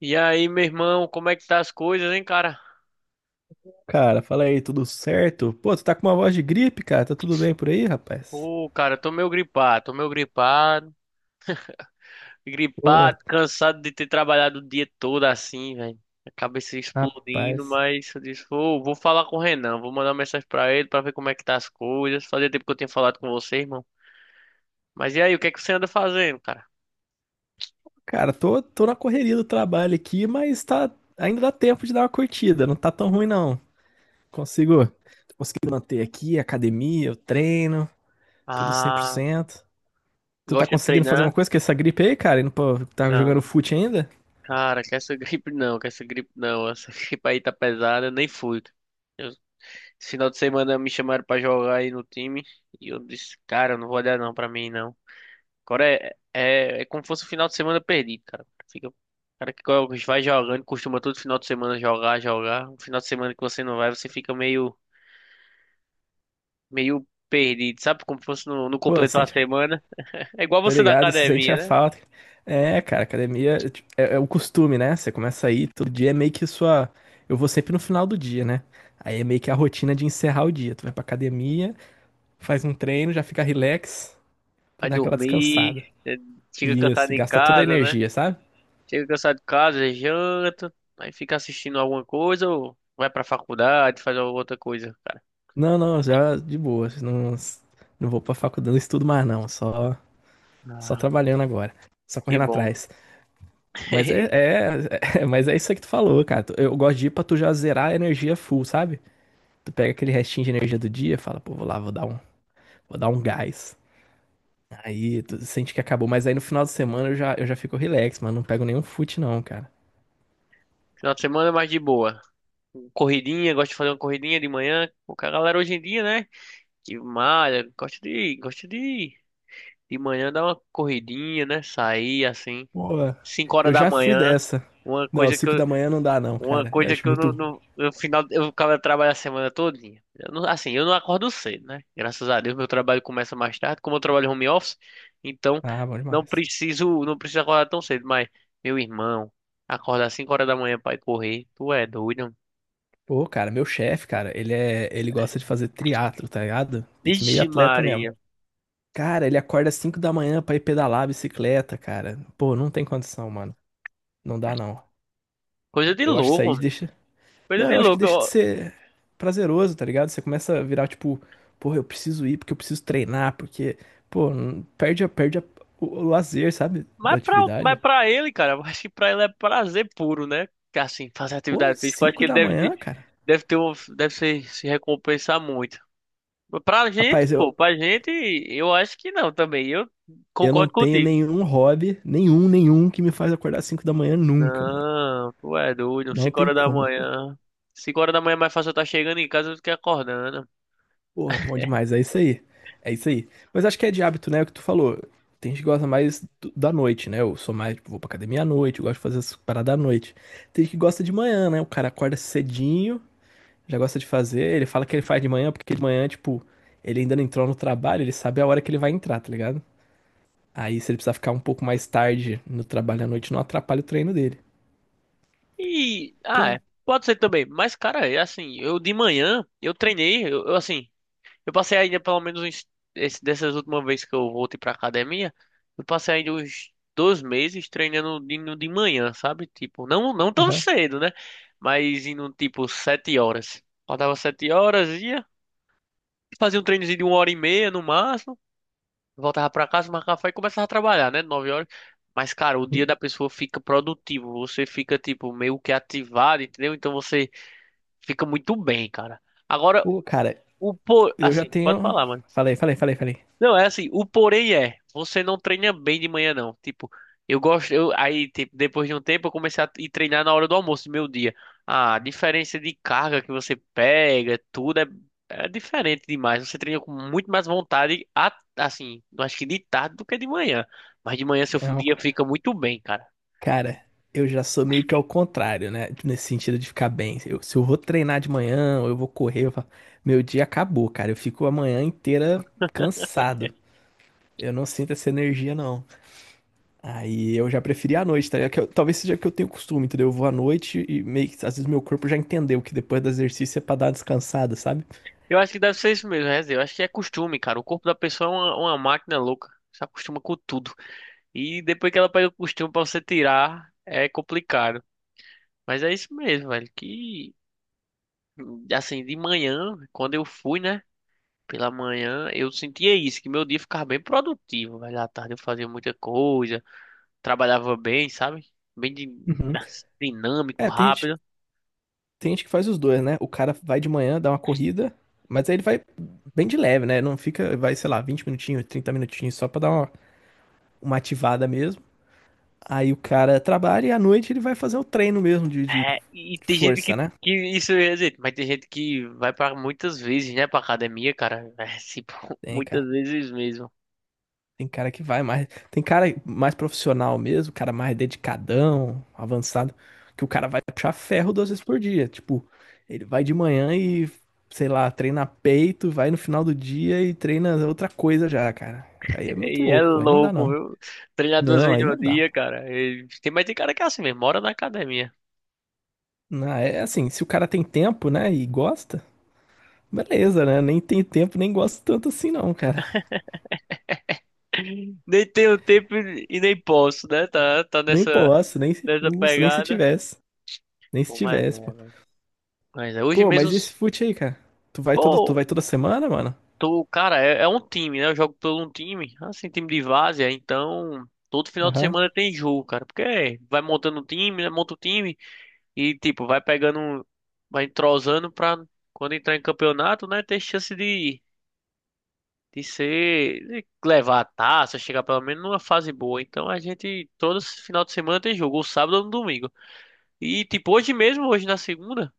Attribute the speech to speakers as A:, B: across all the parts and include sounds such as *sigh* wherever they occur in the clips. A: E aí, meu irmão, como é que tá as coisas, hein, cara?
B: Cara, fala aí, tudo certo? Pô, tu tá com uma voz de gripe, cara. Tá tudo bem por aí, rapaz?
A: Ô, cara, tô meio gripado, tô meio gripado,
B: Pô,
A: gripado, cansado de ter trabalhado o dia todo assim, velho. A cabeça explodindo,
B: rapaz.
A: mas eu disse, vou falar com o Renan, vou mandar uma mensagem pra ele pra ver como é que tá as coisas. Fazia tempo que eu tinha falado com você, irmão. Mas e aí, o que é que você anda fazendo, cara?
B: Cara, tô na correria do trabalho aqui, mas tá, ainda dá tempo de dar uma curtida. Não tá tão ruim, não. Consigo, tô conseguindo manter aqui, academia, o treino, tudo
A: Ah,
B: 100%. Tu tá
A: gosta de
B: conseguindo fazer uma
A: treinar?
B: coisa com essa gripe aí, cara? E não pô, tá jogando
A: Não,
B: fute ainda?
A: cara, que essa *laughs* gripe não, essa *laughs* gripe aí tá pesada, eu nem fui. Esse final de semana me chamaram pra jogar aí no time e eu disse, cara, eu não vou olhar não pra mim não. Agora é como se fosse um final de semana perdido, cara. Fica, o cara que vai jogando, costuma todo final de semana jogar, jogar. Um final de semana que você não vai, você fica meio perdido, sabe? Como se fosse não
B: Pô,
A: completou a
B: sente.
A: semana. É igual
B: Tô
A: você da
B: ligado, se sente a
A: academia, né?
B: falta. É, cara, academia tipo, é o costume, né? Você começa a ir todo dia, é meio que sua. Eu vou sempre no final do dia, né? Aí é meio que a rotina de encerrar o dia. Tu vai pra academia, faz um treino, já fica relax pra
A: Vai
B: dar aquela
A: dormir,
B: descansada.
A: é, chega cansado
B: Isso,
A: em
B: gasta toda a
A: casa, né?
B: energia, sabe?
A: Chega cansado de casa, janta, aí fica assistindo alguma coisa ou vai pra faculdade, faz alguma outra coisa, cara.
B: Não, já de boa. Não, não vou pra faculdade, não estudo mais, não. Só trabalhando agora. Só
A: Que
B: correndo
A: bom.
B: atrás. Mas é,
A: *laughs*
B: é, *laughs* é- mas é isso aí que tu falou, cara. Eu gosto de ir pra tu já zerar a energia full, sabe? Tu pega aquele restinho de energia do dia, fala, pô, vou dar um gás. Aí tu sente que acabou, mas aí no final de semana eu já fico relax, mano, não pego nenhum fute não, cara.
A: Final de semana é mais de boa. Corridinha, gosto de fazer uma corridinha de manhã. O cara, a galera hoje em dia, né? Que malha, gosta de de manhã dar uma corridinha, né? Sair assim,
B: Pô,
A: 5 horas
B: eu
A: da
B: já fui
A: manhã.
B: dessa.
A: Uma
B: Não,
A: coisa que
B: 5
A: eu,
B: da manhã não dá não,
A: Uma
B: cara. Eu
A: coisa
B: acho
A: que eu
B: muito.
A: no final eu acabo trabalho a semana todinha. Eu não- assim, eu não acordo cedo, né? Graças a Deus, meu trabalho começa mais tarde, como eu trabalho home office, então
B: Ah, bom
A: não
B: demais.
A: preciso, não preciso acordar tão cedo, mas meu irmão, acordar 5 horas da manhã pra ir correr, tu é doido, mano.
B: Pô, cara, meu chefe, cara, ele gosta de fazer triatlo, tá ligado? Pique meio
A: Ixi,
B: atleta mesmo.
A: Maria.
B: Cara, ele acorda 5 da manhã pra ir pedalar a bicicleta, cara. Pô, não tem condição, mano. Não dá não.
A: Coisa de
B: Eu acho que isso
A: louco,
B: aí
A: mano.
B: deixa.
A: Coisa
B: Não,
A: de
B: eu acho que
A: louco,
B: deixa de
A: ó.
B: ser prazeroso, tá ligado? Você começa a virar tipo, porra, eu preciso ir porque eu preciso treinar, porque, pô, o lazer, sabe?
A: Mas
B: Da
A: pra, mas
B: atividade.
A: pra ele, cara, eu acho que pra ele é prazer puro, né? Que assim, fazer
B: Pô,
A: atividade física, eu acho que
B: 5
A: ele
B: da
A: deve,
B: manhã, cara.
A: deve ter deve se recompensar muito. Pra gente,
B: Rapaz, eu,
A: pô, pra gente, eu acho que não também. Eu
B: eu não
A: concordo
B: tenho
A: contigo.
B: nenhum hobby, nenhum que me faz acordar 5 da manhã nunca, mano.
A: Não, tu é doido.
B: Não
A: cinco
B: tem
A: horas da
B: como, pô.
A: manhã. 5 horas da manhã é mais fácil eu estar chegando em casa do que acordando.
B: Porra, bom demais, é isso aí. É isso aí. Mas acho que é de hábito, né? O que tu falou. Tem gente que gosta mais do- da noite, né? Eu sou mais, tipo, vou pra academia à noite, eu gosto de fazer as paradas à noite. Tem gente que gosta de manhã, né? O cara acorda cedinho, já gosta de fazer. Ele fala que ele faz de manhã, porque de manhã, tipo, ele ainda não entrou no trabalho, ele sabe a hora que ele vai entrar, tá ligado? Aí, se ele precisar ficar um pouco mais tarde no trabalho à noite, não atrapalha o treino dele.
A: E,
B: Que
A: ah,
B: é.
A: é, pode ser também. Mas, cara, é assim, eu de manhã, eu treinei, assim, eu passei ainda pelo dessas últimas vezes que eu voltei pra academia, eu passei ainda uns 2 meses treinando de manhã, sabe? Tipo, não tão
B: Aham.
A: cedo, né? Mas indo tipo 7 horas. Faltava 7 horas, ia, fazia um treinozinho de uma hora e meia no máximo, voltava pra casa, tomava café e começava a trabalhar, né? 9 horas. Mas, cara, o dia da pessoa fica produtivo, você fica, tipo, meio que ativado, entendeu? Então você fica muito bem, cara. Agora,
B: Pô, cara, eu já
A: assim, pode
B: tenho.
A: falar, mano.
B: Falei, falei, falei, falei.
A: Não, é assim, o porém é, você não treina bem de manhã não. Tipo, eu gosto, eu aí tipo, depois de um tempo eu comecei a ir treinar na hora do almoço do meu dia. A diferença de carga que você pega, tudo é diferente demais. Você treina com muito mais vontade, assim, eu acho que de tarde do que de manhã. Mas de manhã seu
B: É,
A: dia fica muito bem, cara.
B: cara, eu já sou meio que ao contrário, né? Nesse sentido de ficar bem. Eu- se eu vou treinar de manhã, ou eu vou correr, eu falo, meu dia acabou, cara. Eu fico a manhã inteira cansado. Eu não sinto essa energia, não. Aí eu já preferi à noite, tá ligado? Que eu- talvez seja que eu tenho costume, entendeu? Eu vou à noite e meio que, às vezes meu corpo já entendeu que depois do exercício é pra dar uma descansada, sabe?
A: Eu acho que deve ser isso mesmo, Rez. Eu acho que é costume, cara. O corpo da pessoa é uma máquina louca. Se acostuma com tudo. E depois que ela pega o costume pra você tirar, é complicado. Mas é isso mesmo, velho. Que assim, de manhã, quando eu fui, né? Pela manhã, eu sentia isso, que meu dia ficava bem produtivo, velho. À tarde eu fazia muita coisa, trabalhava bem, sabe? Bem
B: Uhum.
A: assim, dinâmico,
B: É, tem gente,
A: rápido.
B: tem gente que faz os dois, né? O cara vai de manhã, dá uma corrida, mas aí ele vai bem de leve, né? Não fica, vai, sei lá, 20 minutinhos, 30 minutinhos só pra dar uma ativada mesmo. Aí o cara trabalha e à noite ele vai fazer o treino mesmo de
A: É, e tem gente
B: força, né?
A: que isso é gente, mas tem gente que vai para muitas vezes, né, pra academia, cara. É, tipo, *laughs*
B: Tem,
A: muitas
B: cara.
A: vezes mesmo.
B: Tem cara que vai mais. Tem cara mais profissional mesmo, cara mais dedicadão, avançado, que o cara vai puxar ferro duas vezes por dia. Tipo, ele vai de manhã e, sei lá, treina peito, vai no final do dia e treina outra coisa já, cara. Aí é
A: E
B: muito
A: é
B: louco, pô. Aí não dá,
A: louco,
B: não.
A: viu? Treinar duas
B: Não,
A: vezes
B: aí não
A: no
B: dá,
A: dia,
B: pô.
A: cara. E tem, mas tem cara que é assim mesmo, mora na academia.
B: Não, é assim, se o cara tem tempo, né, e gosta, beleza, né? Nem tem tempo, nem gosta tanto assim, não, cara.
A: Nem tenho tempo e nem posso, né? Tá
B: Nem
A: nessa,
B: posso, nem se,
A: nessa
B: Nossa, nem se
A: pegada.
B: tivesse. Nem se
A: Pô, mas
B: tivesse,
A: é.
B: pô.
A: Mas é. Hoje
B: Pô,
A: mesmo,
B: mas e esse fute aí, cara? Tu
A: pô,
B: vai toda semana, mano?
A: tô, cara, é um time, né? Eu jogo por um time, assim, time de várzea, então todo final de
B: Aham,
A: semana tem jogo, cara. Porque é, vai montando um time, né? Monta o time e, tipo, vai pegando, vai entrosando pra quando entrar em campeonato, né? Ter chance de ser, de levar a taça, chegar pelo menos numa fase boa. Então a gente, todo final de semana tem jogo, ou sábado ou no domingo. E, tipo, hoje mesmo, hoje na segunda,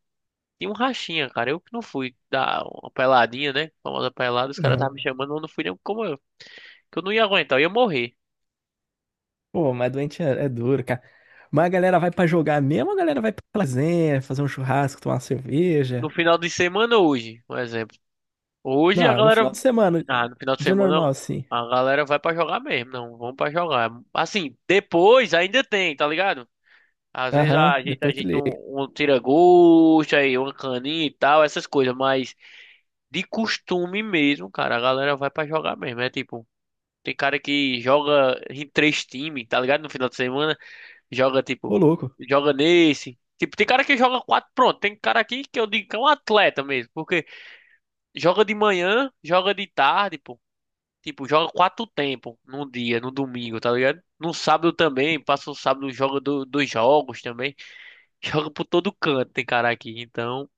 A: tinha um rachinha, cara. Eu que não fui dar uma peladinha, né? Famosa pelada, os caras
B: aham.
A: estavam me chamando, eu não fui nem como eu. Que eu não ia aguentar, eu ia morrer.
B: Pô, mas doente é, é duro, cara. Mas a galera vai pra jogar mesmo, ou a galera vai pra lazer, fazer um churrasco, tomar uma cerveja.
A: No final de semana, hoje, por exemplo. Hoje a
B: Não, no final
A: galera.
B: de semana,
A: Ah, no final de
B: dia
A: semana
B: normal, assim.
A: a galera vai pra jogar mesmo. Não, vamos pra jogar. Assim, depois ainda tem, tá ligado? Às vezes
B: Aham,
A: a gente, a
B: depois tu
A: gente
B: liga.
A: um tira-gosto aí, uma caninha e tal, essas coisas, mas de costume mesmo, cara, a galera vai pra jogar mesmo. É tipo. Tem cara que joga em 3 times, tá ligado? No final de semana, joga tipo,
B: Ô, louco.
A: joga nesse. Tipo, tem cara que joga quatro, pronto. Tem cara aqui que eu digo que é um atleta mesmo, porque joga de manhã, joga de tarde, pô. Tipo, joga 4 tempos num dia, no domingo, tá ligado? No sábado também, passa o sábado, joga 2 jogos também. *laughs* Joga por todo canto, tem cara aqui. Então,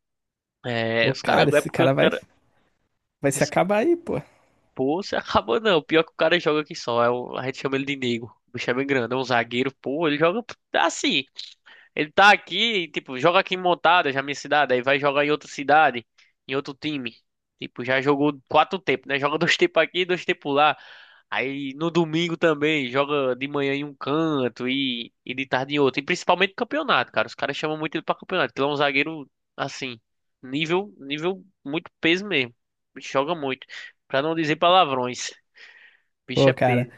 A: é,
B: Ô,
A: os caras,
B: cara,
A: é
B: esse
A: porque os
B: cara vai,
A: caras.
B: vai se acabar aí, pô.
A: Pô, você acabou *laughs* não. Pior que o cara joga aqui só. A gente chama ele de Nego. O bicho é bem grande, é um zagueiro. Pô, ele joga assim. Ele tá aqui, tipo, joga aqui em Montada, já minha cidade. Aí vai jogar em outra cidade, em outro time. Tipo, já jogou 4 tempos, né? Joga *laughs* 2 tempos aqui, 2 tempos lá. Aí no domingo também, joga de manhã em um canto e de tarde em outro. E principalmente campeonato, cara. Os caras chamam muito ele pra campeonato, porque ele é um zagueiro, assim, nível muito peso mesmo. O bicho joga muito. Pra não dizer palavrões. Bicho é
B: Pô, cara,
A: peso.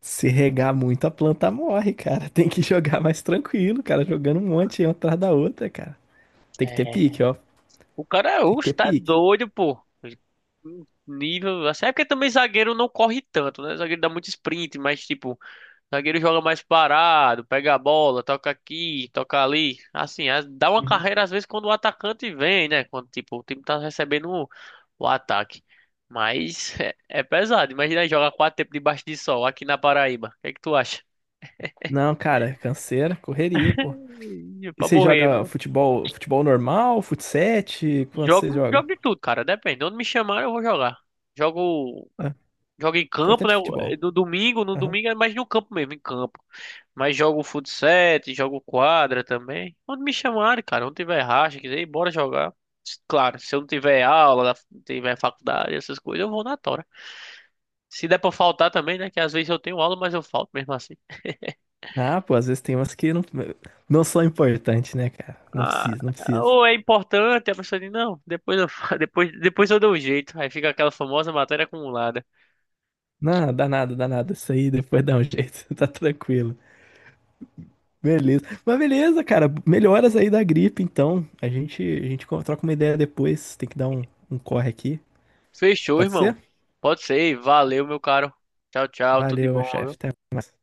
B: se regar muito, a planta morre, cara. *laughs* Tem que jogar mais tranquilo, cara, jogando um monte aí, uma atrás da outra, cara. Tem que ter
A: É.
B: pique, ó.
A: O cara,
B: Tem que
A: oxe,
B: ter
A: tá
B: pique.
A: doido, pô. Nível, assim, é porque também zagueiro não corre tanto, né? Zagueiro dá muito sprint, mas tipo, zagueiro joga mais parado, pega a bola, toca aqui, toca ali. Assim, dá uma
B: Uhum.
A: carreira às vezes quando o atacante vem, né? Quando tipo, o time tá recebendo o ataque. Mas *laughs* é pesado. Imagina jogar 4 tempos debaixo de sol aqui na Paraíba. O que é que tu acha?
B: Não, cara, canseira, correria, pô.
A: *laughs*
B: E
A: Pra
B: você
A: morrer.
B: joga futebol, futebol normal, fut7? Quanto você
A: Jogo,
B: joga?
A: jogo de tudo, cara. Depende. Onde me chamarem, eu vou jogar. Jogo,
B: Ah,
A: jogo em campo,
B: importante
A: né?
B: é futebol.
A: No domingo, no
B: Aham.
A: domingo é mais no campo mesmo, em campo. Mas jogo futsal, jogo quadra também. Onde me chamarem, cara. Onde tiver racha, quiser ir, bora jogar. S- Claro, se eu não tiver aula, não tiver faculdade, essas coisas, eu vou na tora. Se der pra faltar também, né? Que às vezes eu tenho aula, mas eu falto mesmo assim.
B: Ah, pô, às vezes tem umas que não, não são importantes, né, cara? Não
A: Ah,
B: precisa, não precisa.
A: ou é importante, a pessoa diz, não, depois eu, *laughs* depois eu dou um jeito. Aí fica aquela famosa matéria acumulada.
B: Não, dá nada, dá nada. Isso aí depois *laughs* dá um jeito, *laughs* tá tranquilo. Beleza. Mas beleza, cara. Melhoras aí da gripe, então. A gente troca uma ideia depois. Tem que dar um, um corre aqui.
A: Fechou,
B: Pode ser?
A: irmão. Pode ser. Valeu, meu caro. Tchau, tchau. Tudo de
B: Valeu, meu
A: bom,
B: chefe.
A: viu?
B: Até mais.